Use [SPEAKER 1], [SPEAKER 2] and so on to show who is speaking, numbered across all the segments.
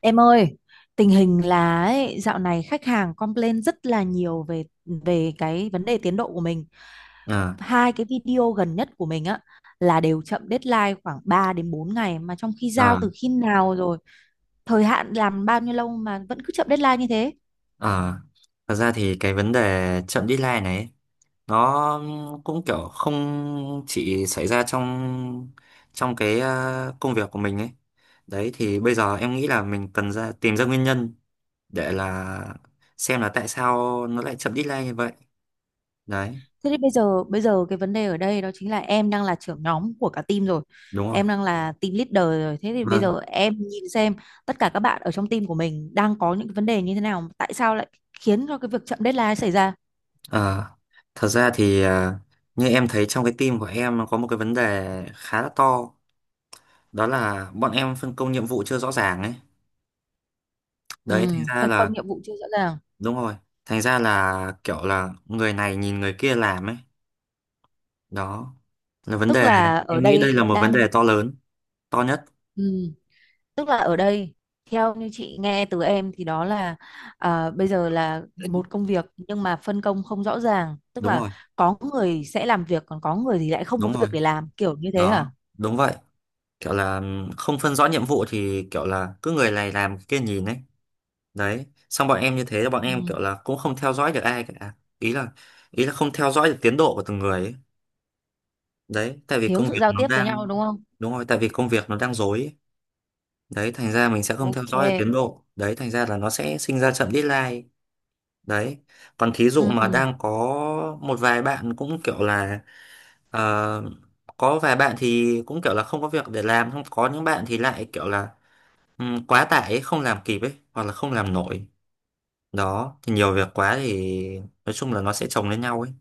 [SPEAKER 1] Em ơi, tình hình là ấy, dạo này khách hàng complain rất là nhiều về về cái vấn đề tiến độ của mình.
[SPEAKER 2] À,
[SPEAKER 1] Hai cái video gần nhất của mình á là đều chậm deadline khoảng 3 đến 4 ngày mà trong khi giao
[SPEAKER 2] à,
[SPEAKER 1] từ khi nào rồi, thời hạn làm bao nhiêu lâu mà vẫn cứ chậm deadline như thế.
[SPEAKER 2] à. Thật ra thì cái vấn đề chậm deadline này ấy, nó cũng kiểu không chỉ xảy ra trong trong cái công việc của mình ấy. Đấy thì bây giờ em nghĩ là mình cần ra tìm ra nguyên nhân để là xem là tại sao nó lại chậm deadline như vậy. Đấy.
[SPEAKER 1] Thế thì bây giờ cái vấn đề ở đây đó chính là em đang là trưởng nhóm của cả team rồi.
[SPEAKER 2] Đúng rồi.
[SPEAKER 1] Em đang là team leader rồi. Thế thì bây
[SPEAKER 2] Vâng.
[SPEAKER 1] giờ em nhìn xem tất cả các bạn ở trong team của mình đang có những cái vấn đề như thế nào, tại sao lại khiến cho cái việc chậm deadline xảy ra.
[SPEAKER 2] Ờ, Thật ra thì như em thấy trong cái team của em nó có một cái vấn đề khá là to, đó là bọn em phân công nhiệm vụ chưa rõ ràng ấy.
[SPEAKER 1] Ừ,
[SPEAKER 2] Đấy thành ra
[SPEAKER 1] phân
[SPEAKER 2] là.
[SPEAKER 1] công nhiệm vụ chưa rõ ràng.
[SPEAKER 2] Đúng rồi. Thành ra là kiểu là người này nhìn người kia làm ấy. Đó. Là vấn
[SPEAKER 1] Tức
[SPEAKER 2] đề,
[SPEAKER 1] là ở
[SPEAKER 2] em nghĩ đây là
[SPEAKER 1] đây
[SPEAKER 2] một vấn
[SPEAKER 1] đang
[SPEAKER 2] đề to lớn, to nhất.
[SPEAKER 1] ừ, Tức là ở đây theo như chị nghe từ em thì đó là bây giờ là một công việc nhưng mà phân công không rõ ràng, tức
[SPEAKER 2] Đúng
[SPEAKER 1] là
[SPEAKER 2] rồi,
[SPEAKER 1] có người sẽ làm việc còn có người thì lại không có
[SPEAKER 2] đúng rồi.
[SPEAKER 1] việc để làm kiểu như thế hả?
[SPEAKER 2] Đó, đúng vậy. Kiểu là không phân rõ nhiệm vụ thì kiểu là cứ người này làm người kia nhìn ấy. Đấy. Xong bọn em như thế là bọn
[SPEAKER 1] Ừ,
[SPEAKER 2] em kiểu là cũng không theo dõi được ai cả. Ý là không theo dõi được tiến độ của từng người ấy. Đấy, tại vì
[SPEAKER 1] thiếu
[SPEAKER 2] công việc
[SPEAKER 1] sự giao
[SPEAKER 2] nó
[SPEAKER 1] tiếp với nhau
[SPEAKER 2] đang
[SPEAKER 1] đúng không?
[SPEAKER 2] đúng rồi, tại vì công việc nó đang rối ấy. Đấy thành ra mình sẽ không theo
[SPEAKER 1] Ok.
[SPEAKER 2] dõi được tiến độ, đấy thành ra là nó sẽ sinh ra chậm deadline. Đấy. Còn thí dụ
[SPEAKER 1] Ừ,
[SPEAKER 2] mà đang có một vài bạn cũng kiểu là ờ, có vài bạn thì cũng kiểu là không có việc để làm, không có những bạn thì lại kiểu là quá tải ấy, không làm kịp ấy hoặc là không làm nổi. Đó thì nhiều việc quá thì nói chung là nó sẽ chồng lên nhau ấy.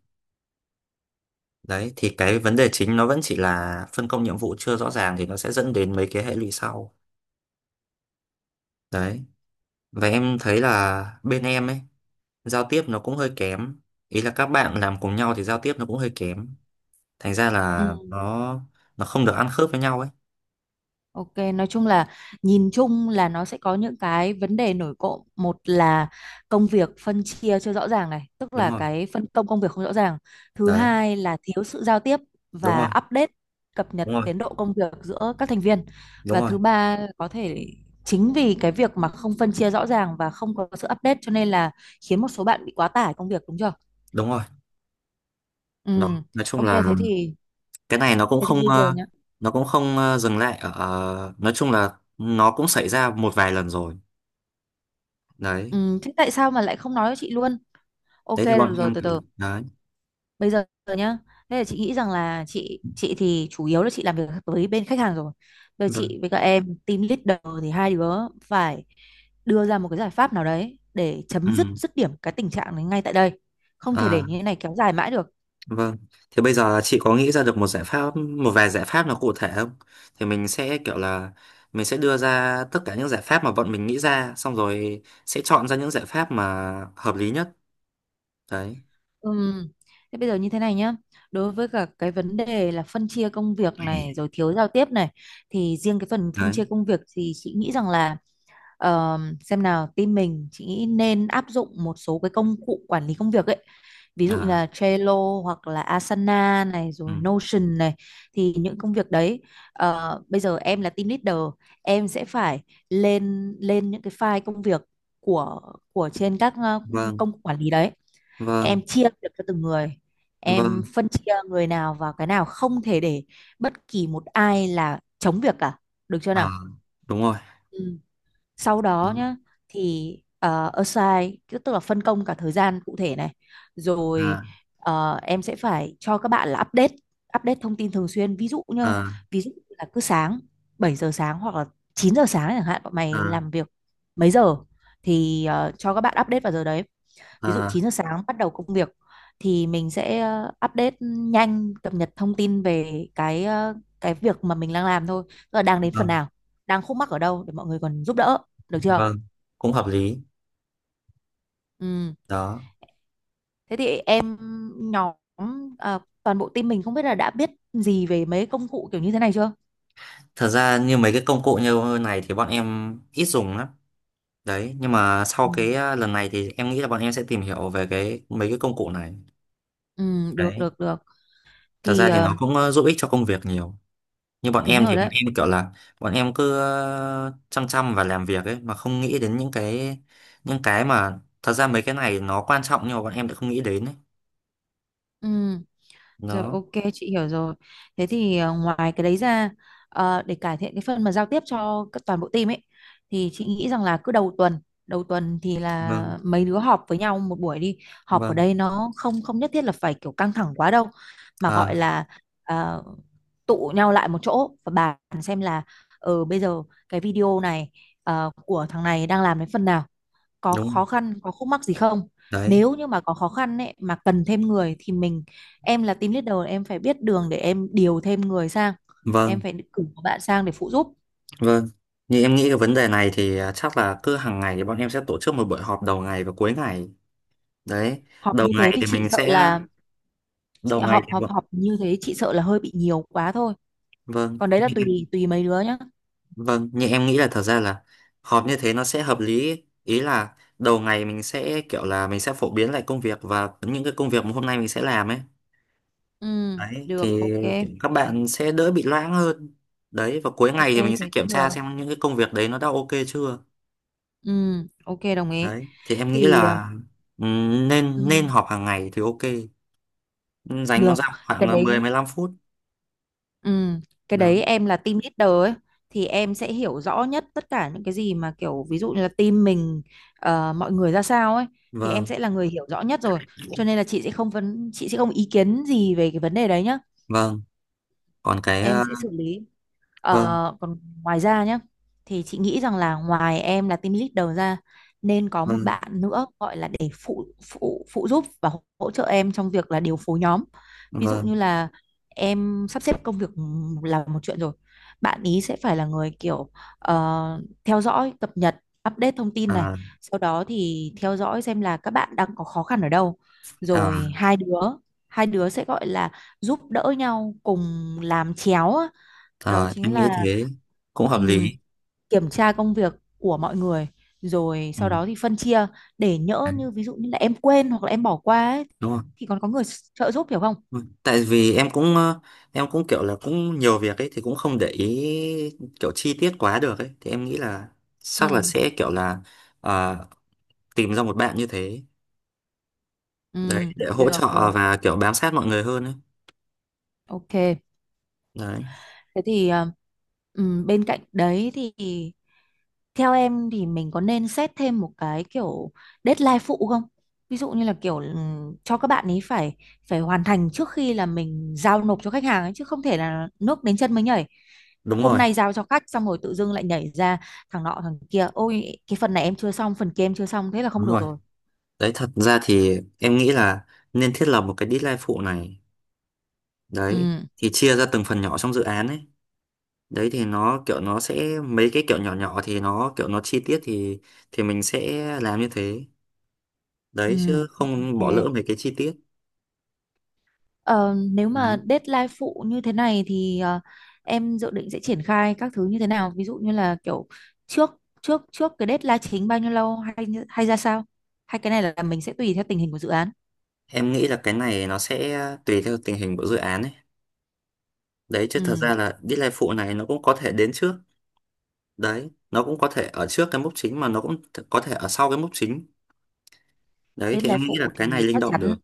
[SPEAKER 2] Đấy thì cái vấn đề chính nó vẫn chỉ là phân công nhiệm vụ chưa rõ ràng thì nó sẽ dẫn đến mấy cái hệ lụy sau. Đấy. Và em thấy là bên em ấy, giao tiếp nó cũng hơi kém, ý là các bạn làm cùng nhau thì giao tiếp nó cũng hơi kém, thành ra là
[SPEAKER 1] ừ,
[SPEAKER 2] nó không được ăn khớp với nhau ấy.
[SPEAKER 1] ok. Nói chung là nhìn chung là nó sẽ có những cái vấn đề nổi cộm. Một là công việc phân chia chưa rõ ràng này, tức
[SPEAKER 2] Đúng
[SPEAKER 1] là
[SPEAKER 2] rồi.
[SPEAKER 1] cái phân công công việc không rõ ràng. Thứ
[SPEAKER 2] Đấy.
[SPEAKER 1] hai là thiếu sự giao tiếp
[SPEAKER 2] Đúng
[SPEAKER 1] và
[SPEAKER 2] rồi.
[SPEAKER 1] update cập nhật
[SPEAKER 2] Đúng rồi.
[SPEAKER 1] tiến độ công việc giữa các thành viên.
[SPEAKER 2] Đúng
[SPEAKER 1] Và
[SPEAKER 2] rồi.
[SPEAKER 1] thứ ba có thể chính vì cái việc mà không phân chia rõ ràng và không có sự update cho nên là khiến một số bạn bị quá tải công việc đúng chưa?
[SPEAKER 2] Đúng rồi.
[SPEAKER 1] Ừ.
[SPEAKER 2] Đó, nói chung
[SPEAKER 1] Ok
[SPEAKER 2] là
[SPEAKER 1] thế thì
[SPEAKER 2] cái này nó cũng
[SPEAKER 1] thế thì
[SPEAKER 2] không
[SPEAKER 1] bây giờ nhá.
[SPEAKER 2] nó cũng không dừng lại ở nói chung là nó cũng xảy ra một vài lần rồi. Đấy.
[SPEAKER 1] Ừ, thế tại sao mà lại không nói với chị luôn? Ok
[SPEAKER 2] Đấy thì
[SPEAKER 1] được
[SPEAKER 2] bọn
[SPEAKER 1] rồi
[SPEAKER 2] em.
[SPEAKER 1] từ từ.
[SPEAKER 2] Đấy.
[SPEAKER 1] Bây giờ nhá. Thế là chị nghĩ rằng là chị thì chủ yếu là chị làm việc với bên khách hàng rồi. Bây giờ
[SPEAKER 2] Vâng.
[SPEAKER 1] chị với các em team leader thì hai đứa phải đưa ra một cái giải pháp nào đấy để
[SPEAKER 2] Ừ.
[SPEAKER 1] chấm dứt dứt điểm cái tình trạng này ngay tại đây. Không thể để
[SPEAKER 2] À,
[SPEAKER 1] như thế này kéo dài mãi được.
[SPEAKER 2] vâng, thì bây giờ chị có nghĩ ra được một giải pháp, một vài giải pháp nào cụ thể không? Thì mình sẽ kiểu là mình sẽ đưa ra tất cả những giải pháp mà bọn mình nghĩ ra, xong rồi sẽ chọn ra những giải pháp mà hợp lý nhất. Đấy,
[SPEAKER 1] Ừm, Thế bây giờ như thế này nhá. Đối với cả cái vấn đề là phân chia công việc này rồi thiếu giao tiếp này thì riêng cái phần phân
[SPEAKER 2] đấy.
[SPEAKER 1] chia công việc thì chị nghĩ rằng là xem nào, team mình chị nghĩ nên áp dụng một số cái công cụ quản lý công việc ấy, ví dụ như
[SPEAKER 2] À,
[SPEAKER 1] là Trello hoặc là Asana này
[SPEAKER 2] ừ.
[SPEAKER 1] rồi Notion này. Thì những công việc đấy, bây giờ em là team leader, em sẽ phải lên lên những cái file công việc của của trên các
[SPEAKER 2] Vâng,
[SPEAKER 1] công cụ quản lý đấy.
[SPEAKER 2] vâng,
[SPEAKER 1] Em chia việc cho từng người, em
[SPEAKER 2] vâng.
[SPEAKER 1] phân chia người nào vào cái nào, không thể để bất kỳ một ai là chống việc cả, được chưa nào?
[SPEAKER 2] À, đúng rồi.
[SPEAKER 1] Ừ, sau
[SPEAKER 2] Đó.
[SPEAKER 1] đó nhá thì assign, cứ tức là phân công cả thời gian cụ thể này rồi.
[SPEAKER 2] À,
[SPEAKER 1] Em sẽ phải cho các bạn là update update thông tin thường xuyên, ví dụ như
[SPEAKER 2] à,
[SPEAKER 1] ví dụ là cứ sáng, 7 giờ sáng hoặc là 9 giờ sáng chẳng hạn, bọn mày
[SPEAKER 2] à,
[SPEAKER 1] làm việc mấy giờ thì cho các bạn update vào giờ đấy. Ví dụ
[SPEAKER 2] à,
[SPEAKER 1] 9 giờ sáng bắt đầu công việc thì mình sẽ, update nhanh cập nhật thông tin về cái việc mà mình đang làm thôi, tức là đang đến phần
[SPEAKER 2] vâng,
[SPEAKER 1] nào, đang khúc mắc ở đâu để mọi người còn giúp đỡ, được chưa?
[SPEAKER 2] vâng. Cũng hợp lý.
[SPEAKER 1] Ừ.
[SPEAKER 2] Đó.
[SPEAKER 1] Thế thì nhóm toàn bộ team mình không biết là đã biết gì về mấy công cụ kiểu như thế này chưa.
[SPEAKER 2] Thật ra như mấy cái công cụ như này thì bọn em ít dùng lắm. Đấy, nhưng mà sau
[SPEAKER 1] Ừ.
[SPEAKER 2] cái lần này thì em nghĩ là bọn em sẽ tìm hiểu về cái mấy cái công cụ này.
[SPEAKER 1] Ừ, được
[SPEAKER 2] Đấy,
[SPEAKER 1] được được
[SPEAKER 2] thật
[SPEAKER 1] thì
[SPEAKER 2] ra thì nó cũng giúp ích cho công việc nhiều. Như bọn
[SPEAKER 1] đúng
[SPEAKER 2] em
[SPEAKER 1] rồi
[SPEAKER 2] thì bọn
[SPEAKER 1] đấy.
[SPEAKER 2] em kiểu là bọn em cứ chăm chăm và làm việc ấy mà không nghĩ đến những cái mà thật ra mấy cái này nó quan trọng nhưng mà bọn em lại không nghĩ đến ấy.
[SPEAKER 1] Ừ. Rồi,
[SPEAKER 2] Nó.
[SPEAKER 1] ok chị hiểu rồi. Thế thì ngoài cái đấy ra, để cải thiện cái phần mà giao tiếp cho các toàn bộ team ấy thì chị nghĩ rằng là cứ đầu tuần thì
[SPEAKER 2] Vâng,
[SPEAKER 1] là mấy đứa họp với nhau một buổi đi. Họp ở
[SPEAKER 2] vâng.
[SPEAKER 1] đây nó không, không nhất thiết là phải kiểu căng thẳng quá đâu mà gọi
[SPEAKER 2] À,
[SPEAKER 1] là, ờ, tụ nhau lại một chỗ và bàn xem là, ờ bây giờ cái video này, của thằng này đang làm đến phần nào, có
[SPEAKER 2] đúng.
[SPEAKER 1] khó khăn có khúc mắc gì không.
[SPEAKER 2] Đấy.
[SPEAKER 1] Nếu như mà có khó khăn ấy mà cần thêm người thì mình, em là team leader em phải biết đường để em điều thêm người sang,
[SPEAKER 2] Vâng,
[SPEAKER 1] em phải cử một bạn sang để phụ giúp.
[SPEAKER 2] vâng. Như em nghĩ cái vấn đề này thì chắc là cứ hàng ngày thì bọn em sẽ tổ chức một buổi họp đầu ngày và cuối ngày. Đấy.
[SPEAKER 1] Họp
[SPEAKER 2] đầu
[SPEAKER 1] như thế
[SPEAKER 2] ngày
[SPEAKER 1] thì
[SPEAKER 2] thì
[SPEAKER 1] chị
[SPEAKER 2] mình
[SPEAKER 1] sợ
[SPEAKER 2] sẽ
[SPEAKER 1] là, chị-
[SPEAKER 2] Đầu ngày
[SPEAKER 1] họp
[SPEAKER 2] thì,
[SPEAKER 1] họp
[SPEAKER 2] vâng,
[SPEAKER 1] họp như thế chị sợ là hơi bị nhiều quá thôi,
[SPEAKER 2] vâng,
[SPEAKER 1] còn đấy là tùy tùy mấy đứa nhá.
[SPEAKER 2] vâng, nhưng em nghĩ là thật ra là họp như thế nó sẽ hợp lý, ý là đầu ngày mình sẽ kiểu là mình sẽ phổ biến lại công việc và những cái công việc mà hôm nay mình sẽ làm ấy.
[SPEAKER 1] Ừ,
[SPEAKER 2] Đấy
[SPEAKER 1] được,
[SPEAKER 2] thì
[SPEAKER 1] ok,
[SPEAKER 2] kiểu các bạn sẽ đỡ bị loãng hơn. Đấy và cuối ngày
[SPEAKER 1] ok
[SPEAKER 2] thì mình sẽ
[SPEAKER 1] thế
[SPEAKER 2] kiểm
[SPEAKER 1] cũng
[SPEAKER 2] tra
[SPEAKER 1] được.
[SPEAKER 2] xem những cái công việc đấy nó đã ok chưa.
[SPEAKER 1] Ừ, ok đồng ý
[SPEAKER 2] Đấy thì em nghĩ
[SPEAKER 1] thì
[SPEAKER 2] là
[SPEAKER 1] ừ,
[SPEAKER 2] nên nên họp hàng ngày thì ok. Dành con
[SPEAKER 1] được
[SPEAKER 2] ra
[SPEAKER 1] cái
[SPEAKER 2] khoảng mười
[SPEAKER 1] đấy.
[SPEAKER 2] mười lăm phút.
[SPEAKER 1] Ừ, cái
[SPEAKER 2] Đó.
[SPEAKER 1] đấy em là team leader ấy thì em sẽ hiểu rõ nhất tất cả những cái gì mà kiểu ví dụ như là team mình, mọi người ra sao ấy thì em
[SPEAKER 2] Vâng,
[SPEAKER 1] sẽ là người hiểu rõ nhất rồi. Cho nên là chị sẽ không ý kiến gì về cái vấn đề đấy nhá.
[SPEAKER 2] vâng. Còn cái
[SPEAKER 1] Em sẽ xử lý.
[SPEAKER 2] vâng,
[SPEAKER 1] Còn ngoài ra nhé thì chị nghĩ rằng là ngoài em là team leader ra, nên có một
[SPEAKER 2] vâng,
[SPEAKER 1] bạn nữa gọi là để phụ phụ phụ giúp và hỗ hỗ trợ em trong việc là điều phối nhóm. Ví dụ
[SPEAKER 2] vâng.
[SPEAKER 1] như là em sắp xếp công việc là một chuyện rồi, bạn ý sẽ phải là người kiểu, theo dõi cập nhật update thông tin này,
[SPEAKER 2] À,
[SPEAKER 1] sau đó thì theo dõi xem là các bạn đang có khó khăn ở đâu,
[SPEAKER 2] à.
[SPEAKER 1] rồi hai đứa sẽ gọi là giúp đỡ nhau cùng làm chéo. Đó
[SPEAKER 2] Ờ,
[SPEAKER 1] chính
[SPEAKER 2] em nghĩ
[SPEAKER 1] là,
[SPEAKER 2] thế cũng hợp lý.
[SPEAKER 1] ừm, kiểm tra công việc của mọi người rồi
[SPEAKER 2] Ừ.
[SPEAKER 1] sau đó thì phân chia, để nhỡ
[SPEAKER 2] Đấy,
[SPEAKER 1] như ví dụ như là em quên hoặc là em bỏ qua ấy,
[SPEAKER 2] đúng không?
[SPEAKER 1] thì còn có người trợ giúp, hiểu không?
[SPEAKER 2] Ừ. Tại vì em cũng em cũng kiểu là cũng nhiều việc ấy thì cũng không để ý kiểu chi tiết quá được ấy thì em nghĩ là chắc là
[SPEAKER 1] Ừ,
[SPEAKER 2] sẽ kiểu là ờ, tìm ra một bạn như thế.
[SPEAKER 1] ừ,
[SPEAKER 2] Đấy để hỗ
[SPEAKER 1] được
[SPEAKER 2] trợ
[SPEAKER 1] được,
[SPEAKER 2] và kiểu bám sát mọi người hơn ấy.
[SPEAKER 1] ok
[SPEAKER 2] Đấy,
[SPEAKER 1] thế thì bên cạnh đấy thì, theo em thì mình có nên xét thêm một cái kiểu deadline phụ không? Ví dụ như là kiểu cho các bạn ấy phải, phải hoàn thành trước khi là mình giao nộp cho khách hàng ấy, chứ không thể là nước đến chân mới nhảy.
[SPEAKER 2] đúng
[SPEAKER 1] Hôm
[SPEAKER 2] rồi,
[SPEAKER 1] nay giao cho khách xong rồi tự dưng lại nhảy ra thằng nọ thằng kia, ôi cái phần này em chưa xong, phần kia em chưa xong, thế là không
[SPEAKER 2] đúng
[SPEAKER 1] được
[SPEAKER 2] rồi.
[SPEAKER 1] rồi.
[SPEAKER 2] Đấy thật ra thì em nghĩ là nên thiết lập một cái deadline phụ này. Đấy,
[SPEAKER 1] Ừ,
[SPEAKER 2] thì chia ra từng phần nhỏ trong dự án ấy. Đấy thì nó kiểu nó sẽ mấy cái kiểu nhỏ nhỏ thì nó kiểu nó chi tiết thì mình sẽ làm như thế. Đấy
[SPEAKER 1] ừ,
[SPEAKER 2] chứ không bỏ
[SPEAKER 1] ok.
[SPEAKER 2] lỡ mấy cái chi tiết.
[SPEAKER 1] Ờ, Nếu
[SPEAKER 2] Đấy
[SPEAKER 1] mà deadline phụ như thế này thì em dự định sẽ triển khai các thứ như thế nào? Ví dụ như là kiểu trước trước trước cái deadline chính bao nhiêu lâu hay hay ra sao? Hay cái này là mình sẽ tùy theo tình hình của dự án.
[SPEAKER 2] em nghĩ là cái này nó sẽ tùy theo tình hình của dự án ấy. Đấy chứ thật
[SPEAKER 1] Ừ,
[SPEAKER 2] ra là deadline phụ này nó cũng có thể đến trước. Đấy nó cũng có thể ở trước cái mốc chính mà nó cũng có thể ở sau cái mốc chính. Đấy thì
[SPEAKER 1] deadline
[SPEAKER 2] em nghĩ là
[SPEAKER 1] phụ
[SPEAKER 2] cái này
[SPEAKER 1] thì
[SPEAKER 2] linh
[SPEAKER 1] chắc
[SPEAKER 2] động được.
[SPEAKER 1] chắn,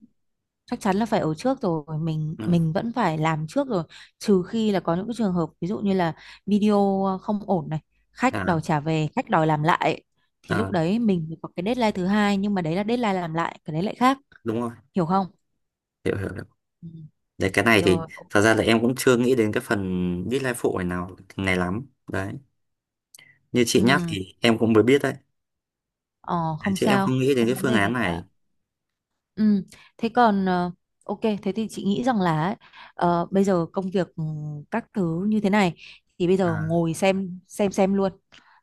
[SPEAKER 1] là phải ở trước rồi, mình
[SPEAKER 2] Ừ.
[SPEAKER 1] mình vẫn phải làm trước rồi, trừ khi là có những cái trường hợp ví dụ như là video không ổn này, khách
[SPEAKER 2] À,
[SPEAKER 1] đòi trả về, khách đòi làm lại, thì lúc
[SPEAKER 2] à.
[SPEAKER 1] đấy mình mới có cái deadline thứ hai, nhưng mà đấy là deadline làm lại, cái đấy lại khác,
[SPEAKER 2] Đúng rồi.
[SPEAKER 1] hiểu không?
[SPEAKER 2] Hiểu, hiểu, hiểu.
[SPEAKER 1] Ừ.
[SPEAKER 2] Đấy cái này thì
[SPEAKER 1] Rồi,
[SPEAKER 2] thật ra là em cũng chưa nghĩ đến cái phần deadline phụ này nào này lắm. Đấy. Như chị nhắc
[SPEAKER 1] ừ,
[SPEAKER 2] thì em cũng mới biết đấy
[SPEAKER 1] ờ không
[SPEAKER 2] chứ em
[SPEAKER 1] sao,
[SPEAKER 2] không nghĩ đến
[SPEAKER 1] không
[SPEAKER 2] cái
[SPEAKER 1] vấn
[SPEAKER 2] phương
[SPEAKER 1] đề
[SPEAKER 2] án
[SPEAKER 1] gì cả.
[SPEAKER 2] này.
[SPEAKER 1] Ừ, thế còn, ok thế thì chị nghĩ rằng là ấy, bây giờ công việc, các thứ như thế này, thì bây giờ
[SPEAKER 2] À.
[SPEAKER 1] ngồi xem luôn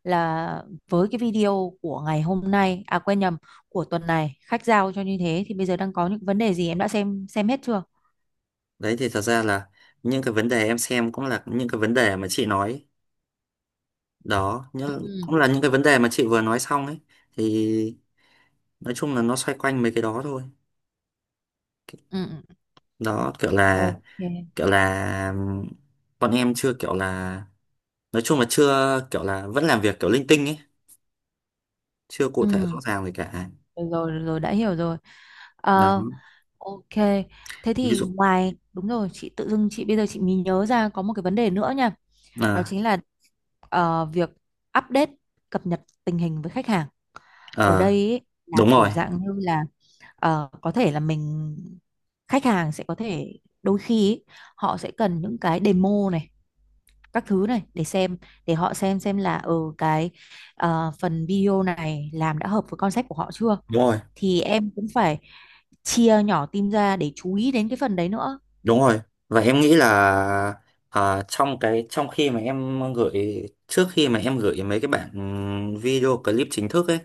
[SPEAKER 1] là với cái video của ngày hôm nay, à quên nhầm, của tuần này khách giao cho như thế thì bây giờ đang có những vấn đề gì em đã xem hết chưa.
[SPEAKER 2] Đấy thì thật ra là những cái vấn đề em xem cũng là những cái vấn đề mà chị nói. Đó nhưng
[SPEAKER 1] Ừ,
[SPEAKER 2] cũng là những cái vấn đề mà chị vừa nói xong ấy, thì nói chung là nó xoay quanh mấy cái đó thôi.
[SPEAKER 1] ừ, ừ,
[SPEAKER 2] Đó kiểu là
[SPEAKER 1] ok,
[SPEAKER 2] kiểu là ừm, bọn em chưa kiểu là nói chung là chưa kiểu là vẫn làm việc kiểu linh tinh ấy, chưa cụ
[SPEAKER 1] ừ,
[SPEAKER 2] thể rõ ràng gì cả.
[SPEAKER 1] rồi rồi rồi, đã hiểu rồi.
[SPEAKER 2] Đó.
[SPEAKER 1] Ờ, Ok, thế
[SPEAKER 2] Ví
[SPEAKER 1] thì
[SPEAKER 2] dụ.
[SPEAKER 1] ngoài, đúng rồi, chị tự dưng chị bây giờ chị mới nhớ ra có một cái vấn đề nữa nha. Đó
[SPEAKER 2] À,
[SPEAKER 1] chính là, việc update cập nhật tình hình với khách hàng. Ở
[SPEAKER 2] ờ,
[SPEAKER 1] đây ý, là
[SPEAKER 2] đúng rồi,
[SPEAKER 1] kiểu dạng như là, có thể là khách hàng sẽ có thể đôi khi ý, họ sẽ cần những cái demo này, các thứ này để xem, để họ xem là ở cái, phần video này làm đã hợp với concept của họ chưa,
[SPEAKER 2] đúng rồi.
[SPEAKER 1] thì em cũng phải chia nhỏ team ra để chú ý đến cái phần đấy nữa.
[SPEAKER 2] Đúng rồi. Và em nghĩ là trong cái trong khi mà em gửi trước khi mà em gửi mấy cái bản video clip chính thức ấy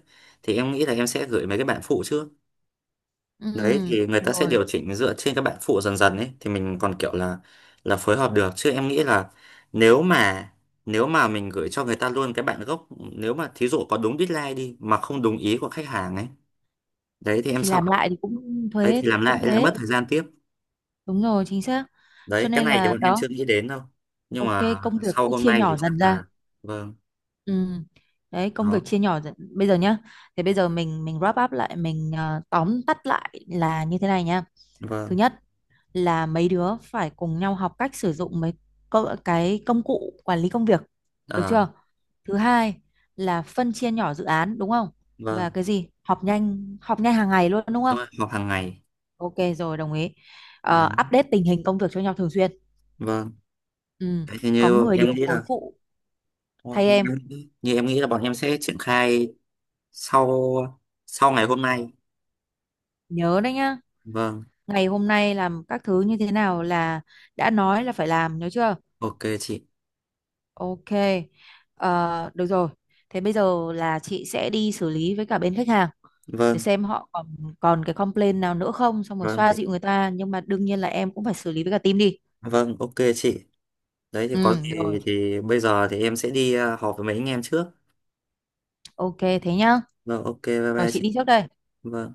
[SPEAKER 2] thì em nghĩ là em sẽ gửi mấy cái bản phụ trước. Đấy
[SPEAKER 1] Ừ,
[SPEAKER 2] thì người ta sẽ
[SPEAKER 1] rồi
[SPEAKER 2] điều chỉnh dựa trên các bản phụ dần dần ấy thì mình còn kiểu là phối hợp được chứ em nghĩ là nếu mà nếu mà mình gửi cho người ta luôn cái bản gốc, nếu mà thí dụ có đúng deadline đi mà không đúng ý của khách hàng ấy. Đấy thì em
[SPEAKER 1] thì
[SPEAKER 2] sợ.
[SPEAKER 1] làm lại thì cũng
[SPEAKER 2] Đấy
[SPEAKER 1] thuế
[SPEAKER 2] thì làm
[SPEAKER 1] cũng
[SPEAKER 2] lại lại
[SPEAKER 1] thế,
[SPEAKER 2] mất thời gian tiếp.
[SPEAKER 1] đúng rồi chính xác, cho
[SPEAKER 2] Đấy cái
[SPEAKER 1] nên
[SPEAKER 2] này thì
[SPEAKER 1] là
[SPEAKER 2] bọn em
[SPEAKER 1] đó,
[SPEAKER 2] chưa nghĩ đến đâu, nhưng
[SPEAKER 1] ok,
[SPEAKER 2] mà
[SPEAKER 1] công việc
[SPEAKER 2] sau
[SPEAKER 1] cứ
[SPEAKER 2] hôm
[SPEAKER 1] chia
[SPEAKER 2] nay thì
[SPEAKER 1] nhỏ
[SPEAKER 2] chắc
[SPEAKER 1] dần ra.
[SPEAKER 2] là vâng.
[SPEAKER 1] Ừ, đấy công
[SPEAKER 2] Đó.
[SPEAKER 1] việc chia nhỏ dần bây giờ nhá, thì bây giờ mình wrap up lại mình, tóm tắt lại là như thế này nhá. Thứ
[SPEAKER 2] Vâng.
[SPEAKER 1] nhất là mấy đứa phải cùng nhau học cách sử dụng mấy cái công cụ quản lý công việc, được
[SPEAKER 2] Ờ.
[SPEAKER 1] chưa? Thứ hai là phân chia nhỏ dự án, đúng không? Và
[SPEAKER 2] Vâng,
[SPEAKER 1] cái gì họp nhanh, hàng ngày luôn, đúng
[SPEAKER 2] đúng
[SPEAKER 1] không?
[SPEAKER 2] rồi, học hàng ngày.
[SPEAKER 1] Ok rồi đồng ý.
[SPEAKER 2] Đấy.
[SPEAKER 1] Update tình hình công việc cho nhau thường xuyên.
[SPEAKER 2] Vâng.
[SPEAKER 1] Ừ.
[SPEAKER 2] Đấy thì
[SPEAKER 1] Có
[SPEAKER 2] như
[SPEAKER 1] người
[SPEAKER 2] em
[SPEAKER 1] điều
[SPEAKER 2] nghĩ
[SPEAKER 1] phối
[SPEAKER 2] là
[SPEAKER 1] phụ
[SPEAKER 2] thôi,
[SPEAKER 1] thay
[SPEAKER 2] như,
[SPEAKER 1] em,
[SPEAKER 2] như em nghĩ là bọn em sẽ triển khai sau, sau ngày hôm nay.
[SPEAKER 1] nhớ đấy nhá,
[SPEAKER 2] Vâng,
[SPEAKER 1] ngày hôm nay làm các thứ như thế nào là đã nói là phải làm, nhớ chưa?
[SPEAKER 2] ok chị.
[SPEAKER 1] Ok, ờ, được rồi. Thế bây giờ là chị sẽ đi xử lý với cả bên khách hàng để
[SPEAKER 2] Vâng,
[SPEAKER 1] xem họ còn, cái complaint nào nữa không, xong rồi
[SPEAKER 2] vâng
[SPEAKER 1] xoa
[SPEAKER 2] thì
[SPEAKER 1] dịu người ta. Nhưng mà đương nhiên là em cũng phải xử lý với cả team đi.
[SPEAKER 2] vâng, ok chị. Đấy thì có
[SPEAKER 1] Ừ,
[SPEAKER 2] gì
[SPEAKER 1] rồi.
[SPEAKER 2] thì bây giờ thì em sẽ đi họp với mấy anh em trước.
[SPEAKER 1] Ok, thế nhá.
[SPEAKER 2] Vâng, ok, bye
[SPEAKER 1] Rồi
[SPEAKER 2] bye
[SPEAKER 1] chị
[SPEAKER 2] chị.
[SPEAKER 1] đi trước đây.
[SPEAKER 2] Vâng.